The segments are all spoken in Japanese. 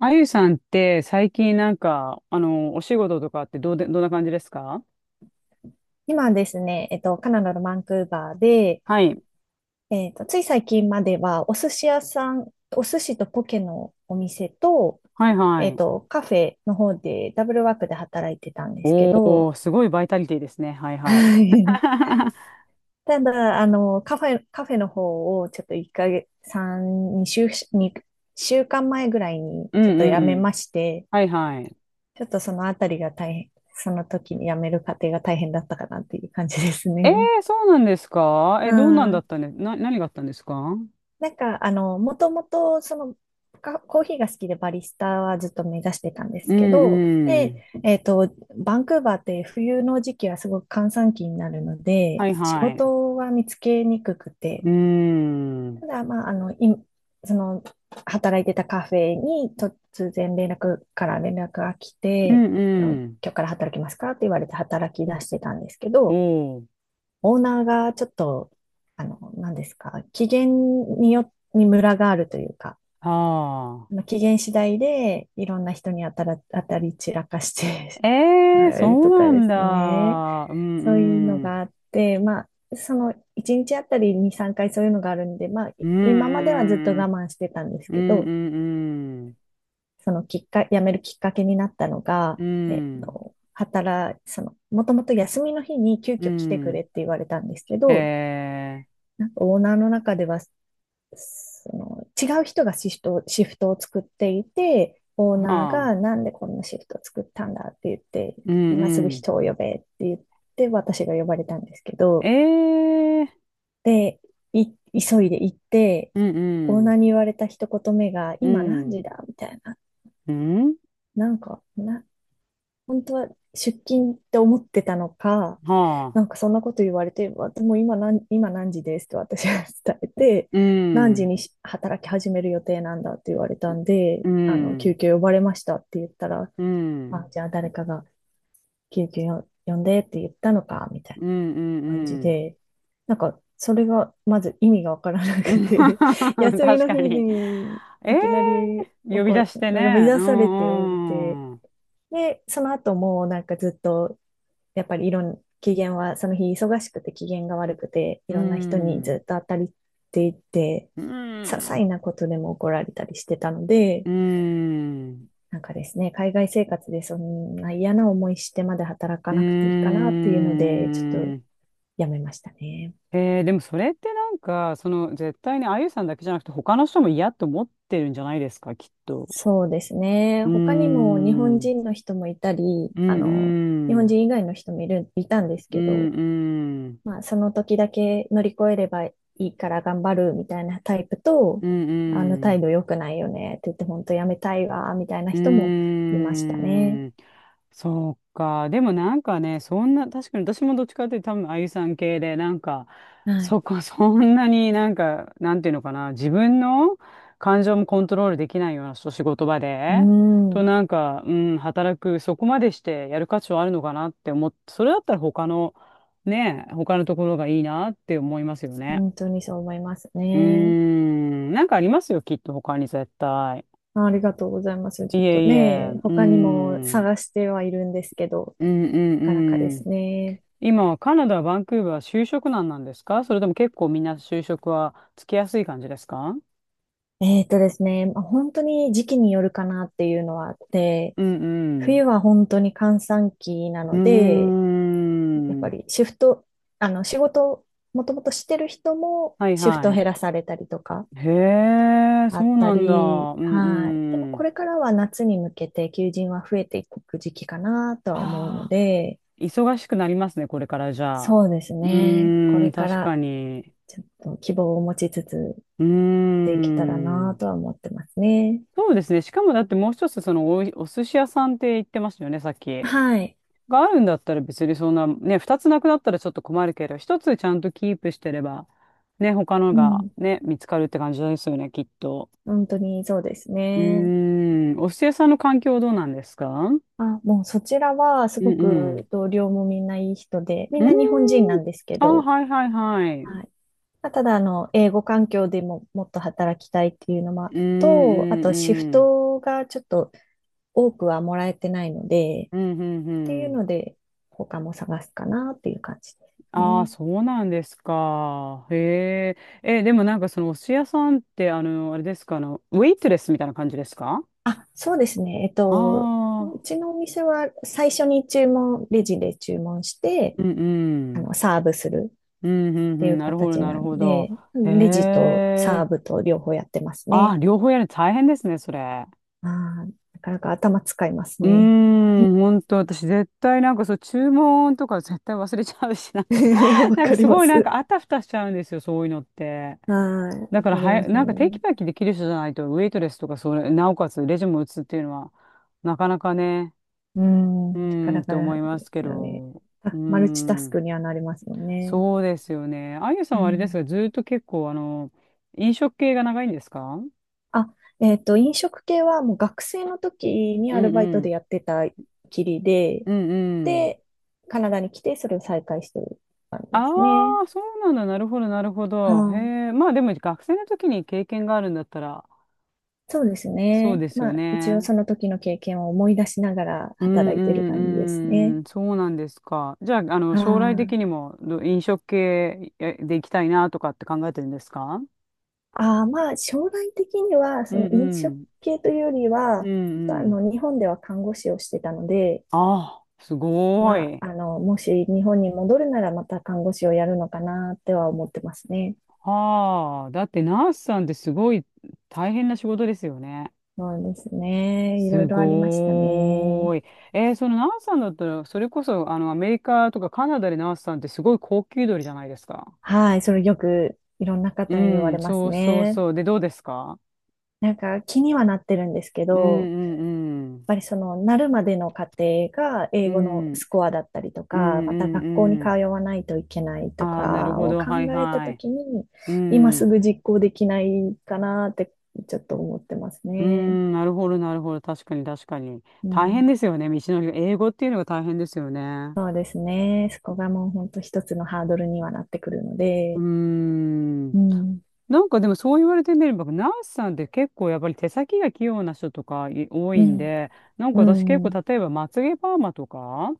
あゆさんって最近なんか、お仕事とかってどうで、どんな感じですか？今ですね、カナダのバンクーバーで、はい。つい最近までは、お寿司屋さん、お寿司とポケのお店と、はいはい。カフェの方でダブルワークで働いてたんですけおど、ー、すごいバイタリティですね。はいは い。ただ、カフェの方をちょっと1ヶ月、3、2週、2週間前ぐらいにうちょっとん辞うめん。まして、はいはい。ちょっとそのあたりが大変、その時に辞める過程が大変だったかなっていう感じですえね。ー、そうなんですか？うえ、どうなんだっんたね。何があったんですか？もともと、コーヒーが好きでバリスタはずっと目指してたんでうすけど、んうで、ん。えっと、バンクーバーって冬の時期はすごく閑散期になるので、はい仕はい。う事は見つけにくくーて、ん。ただ、まあ、あの、い、その、働いてたカフェに突然連絡が来うて、んあの、う今ん。日から働きますかって言われて働き出してたんですけど、おー。オーナーがちょっと、あの、何ですか、機嫌にムラがあるというか、はあ。機嫌次第でいろんな人に当たり散らかして あえー、それうとかなでんすね。だ。うそういうのんうん。があって、まあ、その1日あたり2、3回そういうのがあるんで、まあ、うい今まではずっとんう我ん。慢してたんですうんけど、うんそのきっか、辞めるきっかけになったのが、うん。えっうん。と、働、その、もともと休みの日に急う遽来てくん。れって言われたんですけど、えなんかオーナーの中ではその違う人がシフトを作っていて、オーー、ナーはあ。がなんでこんなシフトを作ったんだって言って、うん今すうぐん。人を呼べって言って、私が呼ばれたんですけど、えー、で、い急いで行って、うんうオーナん。ーに言われた一言目が、う今何ん。時だみたいな。うんなんか、な、本当は出勤って思ってたのか、はなあ。んかそんなこと言われて、でも今何時ですって私は伝えて、う何時ん。にし働き始める予定なんだって言われたんで、うあの、救ん。急呼ばれましたって言ったら、うあ、ん。じゃあ誰かが救急呼んでって言ったのか、みたいうんうんうな感じん。うん で、なんかそれがまず意味がわからなくて、休み確のか日に。にえいえ、きなり呼び怒出る、して呼びね。う出されておいて、んうん。で、その後もなんかずっとやっぱりいろん、機嫌は、その日忙しくて機嫌が悪くて、いうろんな人にん。ずっと当たりっていて、う些細ん。なことでも怒られたりしてたので、うん。なんかですね、海外生活でそんな嫌な思いしてまで働かうなくていいかなっていうので、ちょっとん。やめましたね。でもそれってなんか、絶対にあゆさんだけじゃなくて他の人も嫌と思ってるんじゃないですか、きっと。そうですね。うーん、他にも日う本ん人の人もいたり、う日本ん、人以外の人もいる、いたんですうけんど、うん、まあ、その時だけ乗り越えればいいから頑張るみたいなタイプと、うんあのう態ん。度良くないよねって言って本当やめたいわ、みたいなう人もいましたね。ーん、そうか。でもなんかね、そんな、確かに私もどっちかっていうと多分、あゆさん系で、なんか、はい。そこ、そんなになんか、なんていうのかな、自分の感情もコントロールできないような仕事場うで、とん。なんか、うん、そこまでしてやる価値はあるのかなって思って、それだったらね、他のところがいいなって思いますよね。本当にそう思いますうーね。ん、なんかありますよ、きっと他に絶対。ありがとうございます。いちょっとえいえ、ね、うー他にもん。探してはいるんですけど、うんうなかなかでんうすん。ね。今、カナダ、バンクーバー、就職難なんですか？それとも結構みんな就職はつきやすい感じですか？ですね、まあ本当に時期によるかなっていうのはあって、うんうん。冬は本当に閑散期なうので、ーやっぱん。りシフト、あの、仕事をもともとしてる人もはいシフトをは減い。らされたりとかへえ、あそっうたなんだ。り、うんはい。でもうこん。れからは夏に向けて求人は増えていく時期かなとは思うのああ、で、忙しくなりますね、これからじゃあ。そうですうね。こーれん、か確らかに。ちょっと希望を持ちつつうーできたらなん。とは思ってますね。そうですね。しかもだってもう一つ、そのお寿司屋さんって言ってましたよね、さっき。はい。があるんだったら別にそんな、ね、二つなくなったらちょっと困るけど、一つちゃんとキープしてれば、ね、他のうがん。ね、見つかるって感じですよね、きっと。本当にそうですうーね。ん、お寿司屋さんの環境どうなんですか？うんあ、もうそちらはすうごん。く同僚もみんないい人で、みうんーな日本人なん。んですけあ、ど、はいはいはい。はい。まあただ、英語環境でももっと働きたいっていうのもうんと、あうんと、シフうん。トがちょっと多くはもらえてないので、うんうんうっていうのん。で、他も探すかなっていう感じですああ、ね。そうなんですか。へえ。え、でもなんかそのお寿司屋さんって、あれですか、ウェイトレスみたいな感じですか？あ、そうですね。うああちのお店は最初に注文、レジで注文して、ー、うんうあん。の、サーブするっうん、うん、うていん、うなるほど、形ななるんほど。で、へレジとえ。サーブと両方やってますあ、ね。両方やるの大変ですね、それ。ああ、なかなか頭使いますうーね。ん、本当私絶対なんかそう、注文とか絶対忘れちゃうし、なんか わなんかかりすまごいなんす。かあたふたしちゃうんですよ、そういうのって。はい。だわからかりますなんかテキね。パキできる人じゃないと、ウェイトレスとかそれ、なおかつレジも打つっていうのは、なかなかね、ううーん。かんらってか思いまですけすよね。ど、うーマルチタスん、クにはなりますよね。そうですよね。あゆさうんはあれですん。が、ずーっと結構、飲食系が長いんですか？あ、飲食系はもう学生の時にうアルんバイうトでん。やってたきりで、うんうん。で、カナダに来てそれを再開してる感じであすね。あ、そうなんだ。なるほど、なるほはど。い。へえ。まあでも学生の時に経験があるんだったら、そうですそうね。ですまよあ、一応ね。その時の経験を思い出しながらうん働いてる感うじですんね。うん。そうなんですか。じゃあ、は将来的い。にも飲食系で行きたいなとかって考えてるんですか？ああ、まあ、将来的には、うそのん飲う食ん。系というよりうは、あんうん。の、日本では看護師をしてたので、ああ、すごい。もし日本に戻るならまた看護師をやるのかなっては思ってますね。はあ。だってナースさんってすごい大変な仕事ですよね。そうですね。いろすいろありましたね。ごーい。えーそのナースさんだったら、それこそ、アメリカとかカナダでナースさんってすごい高級鳥じゃないですか。はい。それよくいろんなう方に言わん、れまそすうそうね。そう。で、どうですか？なんか気にはなってるんですけうど、んうんうん。その、なるまでの過程がう英語のん、うんスコアだったりとうか、またん学校にう通ん。わないといけないあとあ、なるかほをど。考はいえたはとい。きに、う今すん。ぐ実行できないかなってちょっと思ってますうね。ん、なるほど、なるほど。確かに、確かに。う大変ん。ですよね。道のりが。英語っていうのが大変ですよね。そうですね。そこがもう本当一つのハードルにはなってくるのうーで。ん。うん。なんかでもそう言われてみれば、ナースさんって結構やっぱり手先が器用な人とか多ういんん。で、なんかう私結構ん。例えばまつげパーマとか、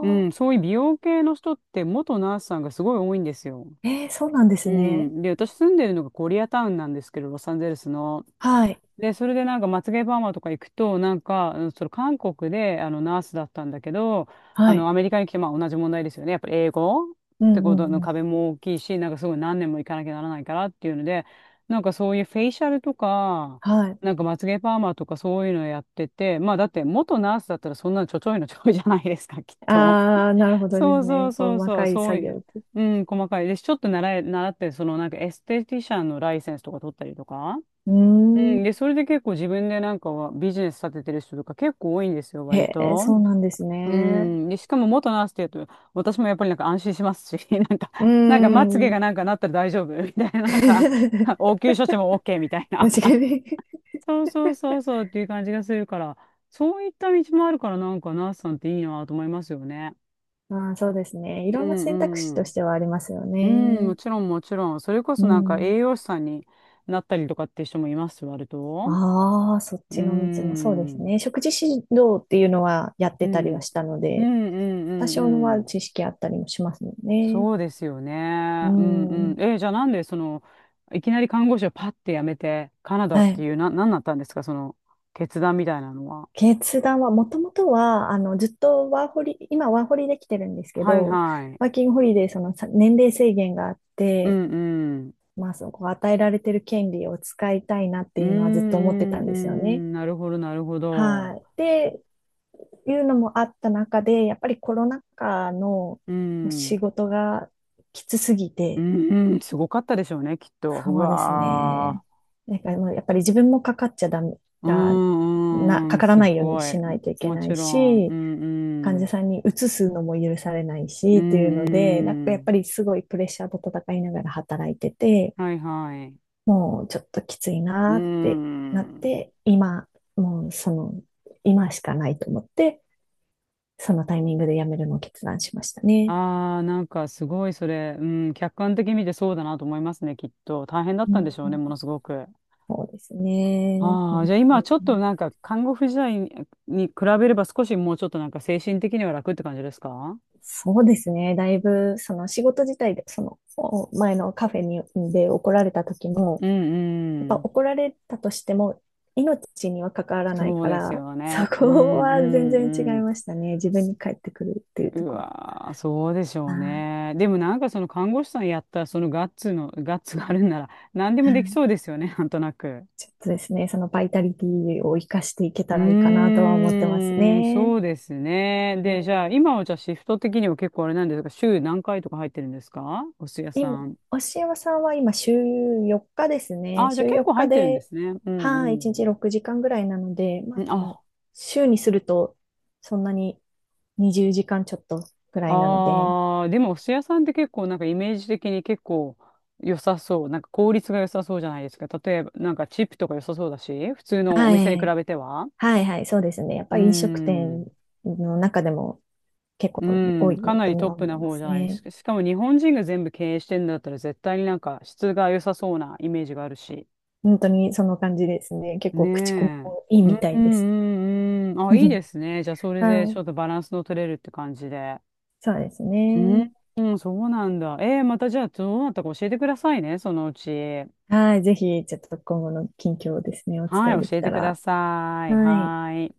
うー。ん、そういう美容系の人って元ナースさんがすごい多いんですよ。えー、そうなんでうすね。ん。で、私住んでるのがコリアタウンなんですけど、ロサンゼルスの。はい。で、それでなんか、まつげパーマとか行くと、なんか、うんその韓国で、ナースだったんだけど、はい。アメリカに来て、まあ、同じ問題ですよね。やっぱり英語っうんてうことのんうん。壁も大きいし、なんかすごい何年も行かなきゃならないからっていうので、なんかそういうフェイシャルとか、はい。なんかまつげパーマとかそういうのやってて、まあ、だって元ナースだったらそんなのちょちょいのちょいじゃないですか、きっと。ああ、なるほ どでそすうそね。うこそのう細そう、かいそう作い業う。って。うん、細かい。で、ちょっと習って、そのなんかエステティシャンのライセンスとか取ったりとか。ううーん、で、ん。それで結構自分でなんかはビジネス立ててる人とか結構多いんですよ、割へえ、と。そうなんですうね。ん。で、しかも元ナースって言うと、私もやっぱりなんか安心しますし、なんか、うーなんかまつげん。がなんかなったら大丈夫みたいな、なんか、応急処置も OK みたいな。確か に。そうそうそうそうっていう感じがするから、そういった道もあるからなんかナースさんっていいなと思いますよね。ああ、そうですね。いうろんな選択肢んうとしん。てはありますようん、ね。もちろんもちろん。それこうそなんかん。栄養士さんになったりとかっていう人もいます、割と。ああ、そっうちの道もそうですん。ね。食事指導っていうのはやっうてたりはん。したのうんうで、んう多ん少のうはん。知識あったりもしますもんね。そうですようね。うんうん。ん。じゃあなんでいきなり看護師をパッて辞めて、カナダっはてい。いう、なんだったんですか、その、決断みたいなのは。決断は、もともとは、あの、ずっとワーホリ、今ワーホリできてるんですけはいど、はい。ワーキングホリデー、その年齢制限があっうて、んうん。まあ、そこ与えられてる権利を使いたいなってうんいうのはずっと思ってたうんんうですよね。ん。なるほど、なるほど。はい。いうのもあった中で、やっぱりコロナ禍のう仕ん。事がきつすぎうて、んうん。すごかったでしょうね、きっと。うそうですね。わー。なんかもうやっぱり自分もかかっちゃダメうだな、んうんうかん。からすないようにごしい。ないといけもなちいろん。うし、んう患者ん。さんに移すのも許されないうし、というのんで、なんかうやっぱん。りすごいプレッシャーと戦いながら働いてて、はいはい。もうちょっときついうーなってなっん。て、今、もうその、今しかないと思って、そのタイミングで辞めるのを決断しましたね。ああ、なんかすごいそれ、うん、客観的に見てそうだなと思いますね、きっと。大変だっうたんでん、しょうね、ものすごく。そうですね。うああ、ん。じゃあ今ちょっとなんか看護婦時代に比べれば少しもうちょっとなんか精神的には楽って感じですか？そうですね。だいぶ、その仕事自体で、そのお前のカフェにで、怒られた時うも、やっんぱうん。怒られたとしても、命には関わらないそうかですら、よそね。うんこうは全ん然違ういん。ましたね。自分に返ってくるっていうとうころ。わー、そうでしょあうね。でもなんかその看護師さんやったそのガッツがあるんなら何でもーうできそん、うですよね、なんとなく。ちょっとですね、そのバイタリティを生かしていけうたらいいかなとは思ってますーん、ね。そうですね。うん、で、じゃあ、今はじゃあシフト的には結構あれなんですが、週何回とか入ってるんですか？お寿司屋さ今、ん。押山さんは今週4日ですね。あ、じゃあ週結4構入日ってるんでで、すね。うはい、1日ん6時間ぐらいなので、まうあん。でも、週にすると、そんなに20時間ちょっとぐらいなので、あー、でもお寿司屋さんって結構なんかイメージ的に結構良さそう。なんか効率が良さそうじゃないですか。例えば、なんかチップとか良さそうだし、普通のおは店に比い、べては。はい、はい、そうですね。やっうぱーり飲食店ん。の中でも結構う多ん、いかなりとトッはプ思ないま方じすゃないですね。か。しかも日本人が全部経営してんだったら絶対になんか質が良さそうなイメージがあるし。本当にその感じですね。結ね構口コミえ。もいいうみんたういです。んうんうん。あ、いいで すね。じゃあそれではちょい。っとバランスの取れるって感じで。そうですうん、ね。うん、そうなんだ。えー、またじゃあどうなったか教えてくださいね、そのうち。はい。ぜひ、ちょっと今後の近況をですね、お伝はえい、で教きえてたくだら。さい。はい。はーい。